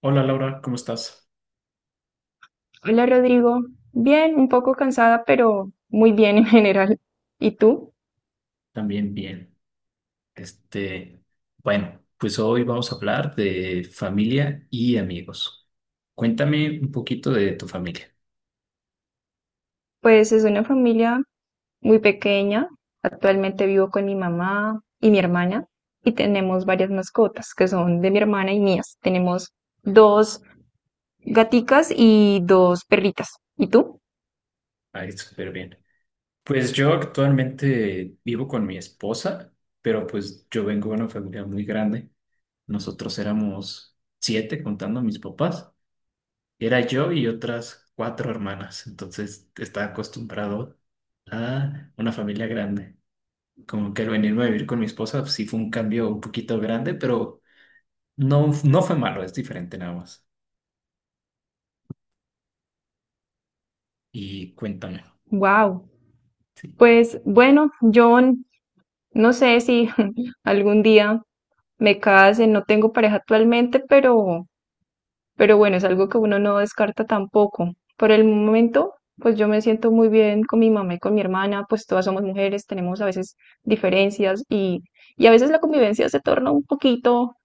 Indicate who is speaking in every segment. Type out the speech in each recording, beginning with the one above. Speaker 1: Hola Laura, ¿cómo estás?
Speaker 2: Hola Rodrigo, bien, un poco cansada, pero muy bien en general. ¿Y tú?
Speaker 1: También bien. Este, bueno, pues hoy vamos a hablar de familia y amigos. Cuéntame un poquito de tu familia.
Speaker 2: Pues es una familia muy pequeña. Actualmente vivo con mi mamá y mi hermana y tenemos varias mascotas que son de mi hermana y mías. Tenemos dos gaticas y dos perritas. ¿Y tú?
Speaker 1: Ay, súper bien. Pues yo actualmente vivo con mi esposa, pero pues yo vengo de una familia muy grande. Nosotros éramos siete contando a mis papás. Era yo y otras cuatro hermanas, entonces estaba acostumbrado a una familia grande. Como que el venirme a vivir con mi esposa pues, sí fue un cambio un poquito grande, pero no, no fue malo, es diferente nada más. Y cuéntame.
Speaker 2: Wow.
Speaker 1: Sí,
Speaker 2: Pues bueno, yo no sé si algún día me case, no tengo pareja actualmente, pero bueno, es algo que uno no descarta tampoco. Por el momento, pues yo me siento muy bien con mi mamá y con mi hermana, pues todas somos mujeres, tenemos a veces diferencias y a veces la convivencia se torna un poquito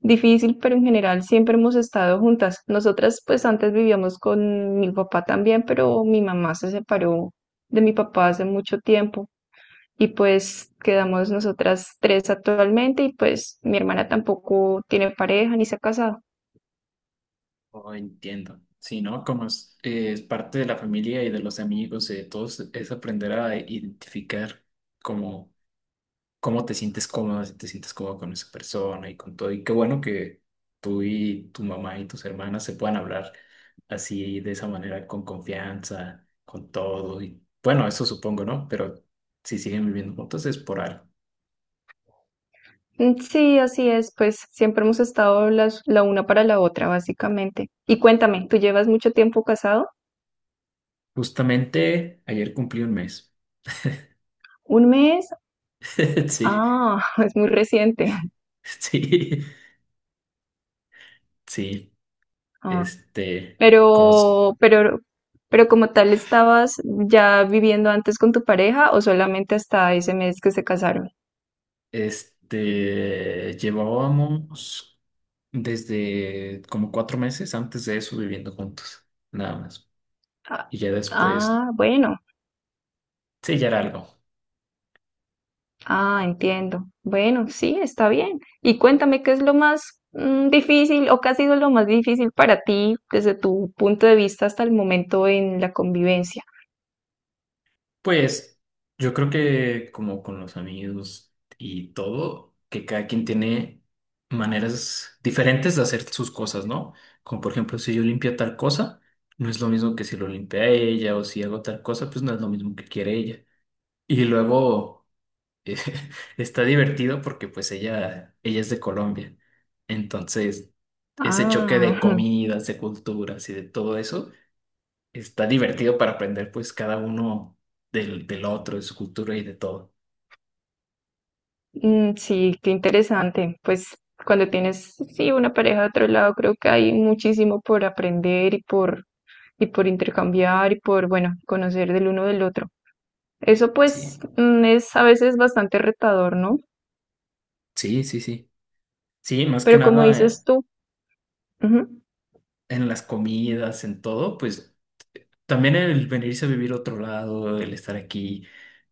Speaker 2: difícil, pero en general siempre hemos estado juntas. Nosotras pues antes vivíamos con mi papá también, pero mi mamá se separó de mi papá hace mucho tiempo y pues quedamos nosotras tres actualmente y pues mi hermana tampoco tiene pareja ni se ha casado.
Speaker 1: oh, entiendo. Sí, ¿no? Como es parte de la familia y de los amigos y de todos, es aprender a identificar como cómo te sientes cómodo, si te sientes cómodo con esa persona y con todo. Y qué bueno que tú y tu mamá y tus hermanas se puedan hablar así, de esa manera, con confianza, con todo. Y bueno, eso supongo, ¿no? Pero si siguen viviendo juntos es por algo.
Speaker 2: Mm, sí, así es, pues siempre hemos estado la una para la otra, básicamente. Y cuéntame, ¿tú llevas mucho tiempo casado?
Speaker 1: Justamente ayer cumplí un mes.
Speaker 2: ¿Un mes?
Speaker 1: Sí,
Speaker 2: Ah, es muy reciente.
Speaker 1: sí, sí.
Speaker 2: Ah,
Speaker 1: Este, Como,
Speaker 2: pero, pero, pero como tal, ¿estabas ya viviendo antes con tu pareja o solamente hasta ese mes que se casaron?
Speaker 1: llevábamos desde como 4 meses antes de eso viviendo juntos. Nada más.
Speaker 2: Ah,
Speaker 1: Y ya después
Speaker 2: ah, bueno.
Speaker 1: sellar algo.
Speaker 2: Ah, entiendo. Bueno, sí, está bien. Y cuéntame qué es lo más difícil o qué ha sido lo más difícil para ti desde tu punto de vista hasta el momento en la convivencia.
Speaker 1: Pues yo creo que como con los amigos y todo, que cada quien tiene maneras diferentes de hacer sus cosas, ¿no? Como por ejemplo, si yo limpio tal cosa, no es lo mismo que si lo limpia ella o si hago tal cosa, pues no es lo mismo que quiere ella. Y luego eh, está divertido porque pues ella es de Colombia. Entonces, ese choque
Speaker 2: Ah,
Speaker 1: de comidas, de culturas y de todo eso está divertido para aprender pues cada uno del, del otro, de su cultura y de todo.
Speaker 2: mm, sí, qué interesante. Pues cuando tienes, sí, una pareja de otro lado, creo que hay muchísimo por aprender y por intercambiar y por, bueno, conocer del uno del otro. Eso
Speaker 1: Sí,
Speaker 2: pues es a veces bastante retador, ¿no?
Speaker 1: sí, sí, sí. Sí, más que
Speaker 2: Pero como
Speaker 1: nada
Speaker 2: dices tú, ujú.
Speaker 1: en las comidas, en todo, pues también el venirse a vivir a otro lado, el estar aquí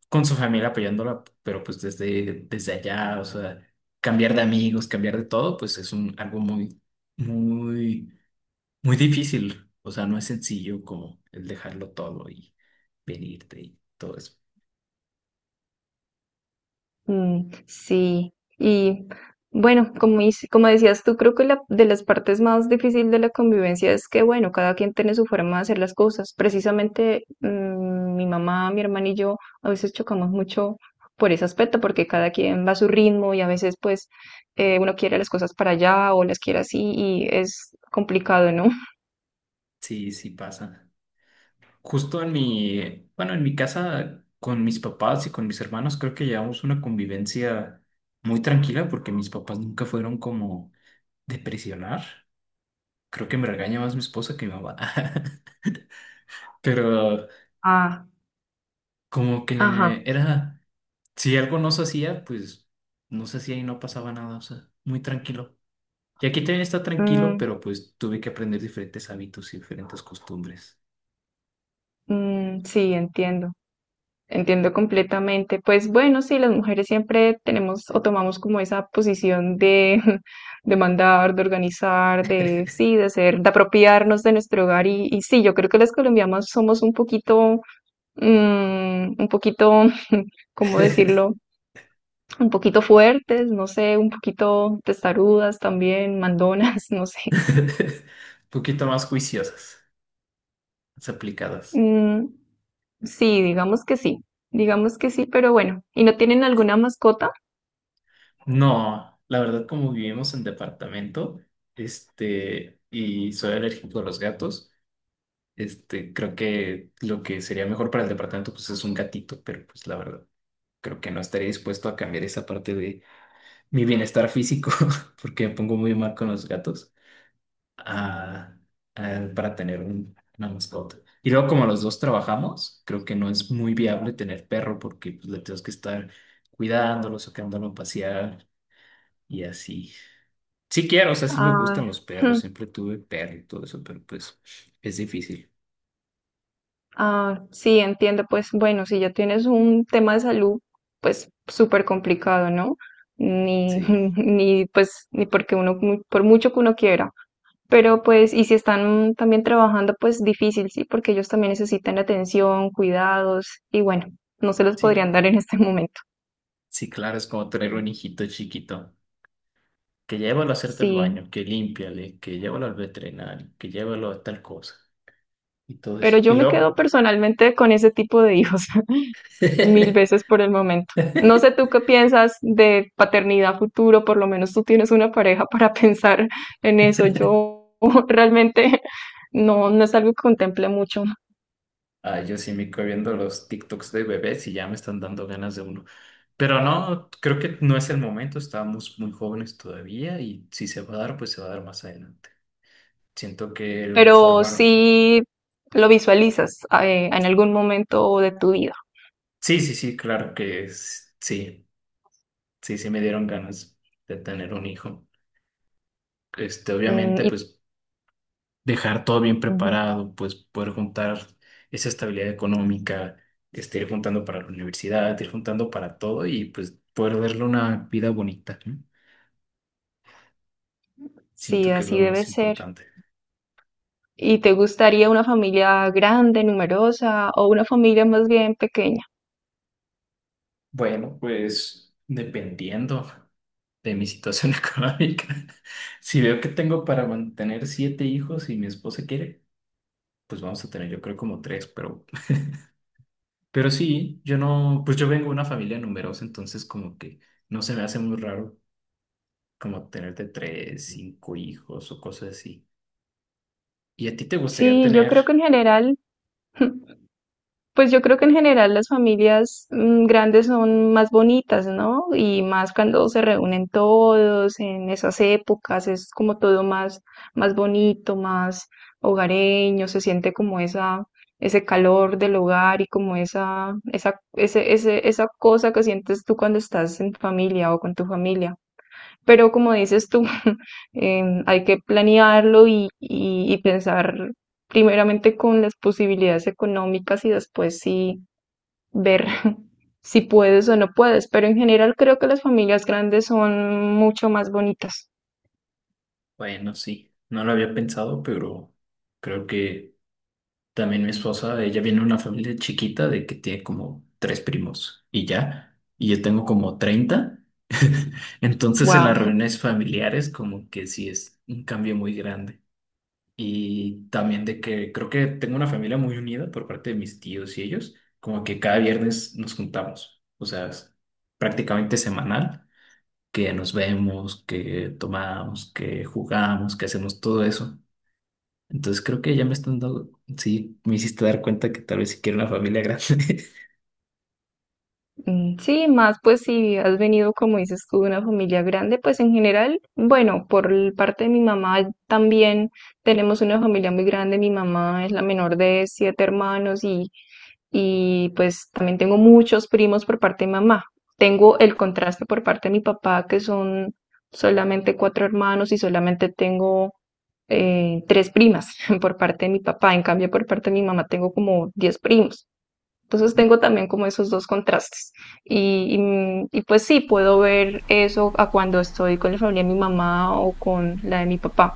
Speaker 1: con su familia apoyándola, pero pues desde, desde allá, o sea, cambiar de amigos, cambiar de todo, pues es un, algo muy, muy, muy difícil. O sea, no es sencillo como el dejarlo todo y venirte y todo eso.
Speaker 2: Mm, sí, y bueno, como decías tú, creo que de las partes más difíciles de la convivencia es que, bueno, cada quien tiene su forma de hacer las cosas. Precisamente mi mamá, mi hermana y yo a veces chocamos mucho por ese aspecto, porque cada quien va a su ritmo y a veces pues uno quiere las cosas para allá o las quiere así y es complicado, ¿no?
Speaker 1: Sí, sí pasa. Justo en mi, bueno, en mi casa con mis papás y con mis hermanos creo que llevamos una convivencia muy tranquila porque mis papás nunca fueron como de presionar. Creo que me regaña más mi esposa que mi mamá. Pero
Speaker 2: Ah,
Speaker 1: como
Speaker 2: ajá,
Speaker 1: que era, si algo no se hacía, pues no se hacía y no pasaba nada, o sea, muy tranquilo. Y aquí también está tranquilo,
Speaker 2: mm,
Speaker 1: pero pues tuve que aprender diferentes hábitos y diferentes costumbres.
Speaker 2: mm, sí, entiendo. Entiendo completamente. Pues bueno, sí, las mujeres siempre tenemos o tomamos como esa posición de, de mandar, de organizar, de sí, de hacer, de apropiarnos de nuestro hogar. Y sí, yo creo que las colombianas somos un poquito, un poquito, ¿cómo decirlo? Un poquito fuertes, no sé, un poquito testarudas también, mandonas, no sé.
Speaker 1: Un poquito más juiciosas, más aplicadas.
Speaker 2: Mm, sí, digamos que sí, digamos que sí, pero bueno. ¿Y no tienen alguna mascota?
Speaker 1: No, la verdad, como vivimos en departamento, y soy alérgico a los gatos, creo que lo que sería mejor para el departamento, pues es un gatito, pero pues la verdad, creo que no estaría dispuesto a cambiar esa parte de mi bienestar físico, porque me pongo muy mal con los gatos, a- para tener una mascota. Y luego, como los dos trabajamos, creo que no es muy viable tener perro, porque pues, le tenemos que estar cuidándolos, sacándolo a pasear y así. Sí quiero, o sea, sí me
Speaker 2: Ah,
Speaker 1: gustan los perros, siempre tuve perro y todo eso, pero pues es difícil.
Speaker 2: ah, sí, entiendo. Pues bueno, si ya tienes un tema de salud, pues súper complicado, ¿no? Ni,
Speaker 1: Sí,
Speaker 2: ni pues, ni porque uno, por mucho que uno quiera. Pero pues, y si están también trabajando, pues difícil, sí, porque ellos también necesitan atención, cuidados, y bueno, no se los
Speaker 1: sí,
Speaker 2: podrían dar en este momento.
Speaker 1: sí, claro, es como tener un hijito chiquito, que llévalo a hacerte el
Speaker 2: Sí,
Speaker 1: baño, que límpiale, que llévalo al veterinario, que llévalo a tal cosa y todo
Speaker 2: pero
Speaker 1: eso. Y
Speaker 2: yo me quedo
Speaker 1: luego,
Speaker 2: personalmente con ese tipo de hijos. Mil veces por el momento. No sé tú qué piensas de paternidad futuro, por lo menos tú tienes una pareja para pensar en eso. Yo realmente no es algo que contemple mucho,
Speaker 1: ah, yo sí me quedo viendo los TikToks de bebés y ya me están dando ganas de uno. Pero no, creo que no es el momento, estamos muy jóvenes todavía y si se va a dar, pues se va a dar más adelante. Siento que el
Speaker 2: pero
Speaker 1: formar
Speaker 2: sí lo visualizas en algún momento de tu vida.
Speaker 1: sí, sí, sí, claro que sí, sí, sí me dieron ganas de tener un hijo.
Speaker 2: Mm,
Speaker 1: Obviamente,
Speaker 2: y
Speaker 1: pues dejar todo bien
Speaker 2: ujú.
Speaker 1: preparado, pues poder juntar esa estabilidad económica, ir juntando para la universidad, ir juntando para todo y pues poder darle una vida bonita, ¿no?
Speaker 2: Sí,
Speaker 1: Siento que es
Speaker 2: así
Speaker 1: lo
Speaker 2: debe
Speaker 1: más
Speaker 2: ser.
Speaker 1: importante.
Speaker 2: ¿Y te gustaría una familia grande, numerosa o una familia más bien pequeña?
Speaker 1: Bueno, pues dependiendo de mi situación económica, si veo que tengo para mantener siete hijos y mi esposa quiere, pues vamos a tener yo creo como tres, pero sí, yo no, pues yo vengo de una familia numerosa, entonces como que no se me hace muy raro como tenerte tres, cinco hijos o cosas así. ¿Y a ti te gustaría
Speaker 2: Sí, yo
Speaker 1: tener?
Speaker 2: creo que en general Pues yo creo que en general las familias grandes son más bonitas, ¿no? Y más cuando se reúnen todos en esas épocas, es como todo más, más bonito, más hogareño, se siente como ese calor del hogar y como esa cosa que sientes tú cuando estás en familia o con tu familia. Pero como dices tú, hay que planearlo y pensar primeramente con las posibilidades económicas y después sí ver si puedes o no puedes. Pero en general creo que las familias grandes son mucho más bonitas.
Speaker 1: Bueno, sí, no lo había pensado, pero creo que también mi esposa, ella viene de una familia chiquita de que tiene como tres primos y ya, y yo tengo como 30. Entonces en
Speaker 2: Wow.
Speaker 1: las reuniones familiares como que sí es un cambio muy grande. Y también de que creo que tengo una familia muy unida por parte de mis tíos y ellos, como que cada viernes nos juntamos, o sea, es prácticamente semanal, que nos vemos, que tomamos, que jugamos, que hacemos todo eso. Entonces creo que ya me están dando, sí, me hiciste dar cuenta que tal vez si quiero una familia grande.
Speaker 2: Mm, sí, más pues si has venido, como dices tú, de una familia grande, pues en general, bueno, por el parte de mi mamá también tenemos una familia muy grande. Mi mamá es la menor de siete hermanos y pues también tengo muchos primos por parte de mamá. Tengo el contraste por parte de mi papá, que son solamente cuatro hermanos y solamente tengo tres primas por parte de mi papá. En cambio, por parte de mi mamá tengo como 10 primos. Entonces tengo también como esos dos contrastes. Pues sí, puedo ver eso a cuando estoy con la familia de mi mamá o con la de mi papá.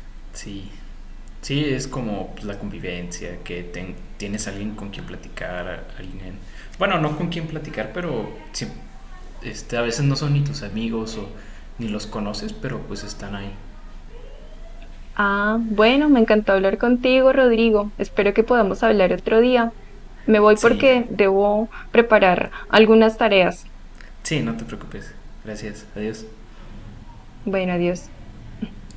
Speaker 1: Sí, sí, es como pues, la convivencia, que tienes alguien con quien platicar, alguien... Bueno, no con quien platicar, pero sí, a veces no son ni tus amigos o ni los conoces, pero pues están ahí.
Speaker 2: Ah, bueno, me encantó hablar contigo, Rodrigo. Espero que podamos hablar otro día. Me voy
Speaker 1: Sí,
Speaker 2: porque debo preparar algunas tareas.
Speaker 1: sí, no te preocupes. Gracias, adiós.
Speaker 2: Bueno, adiós.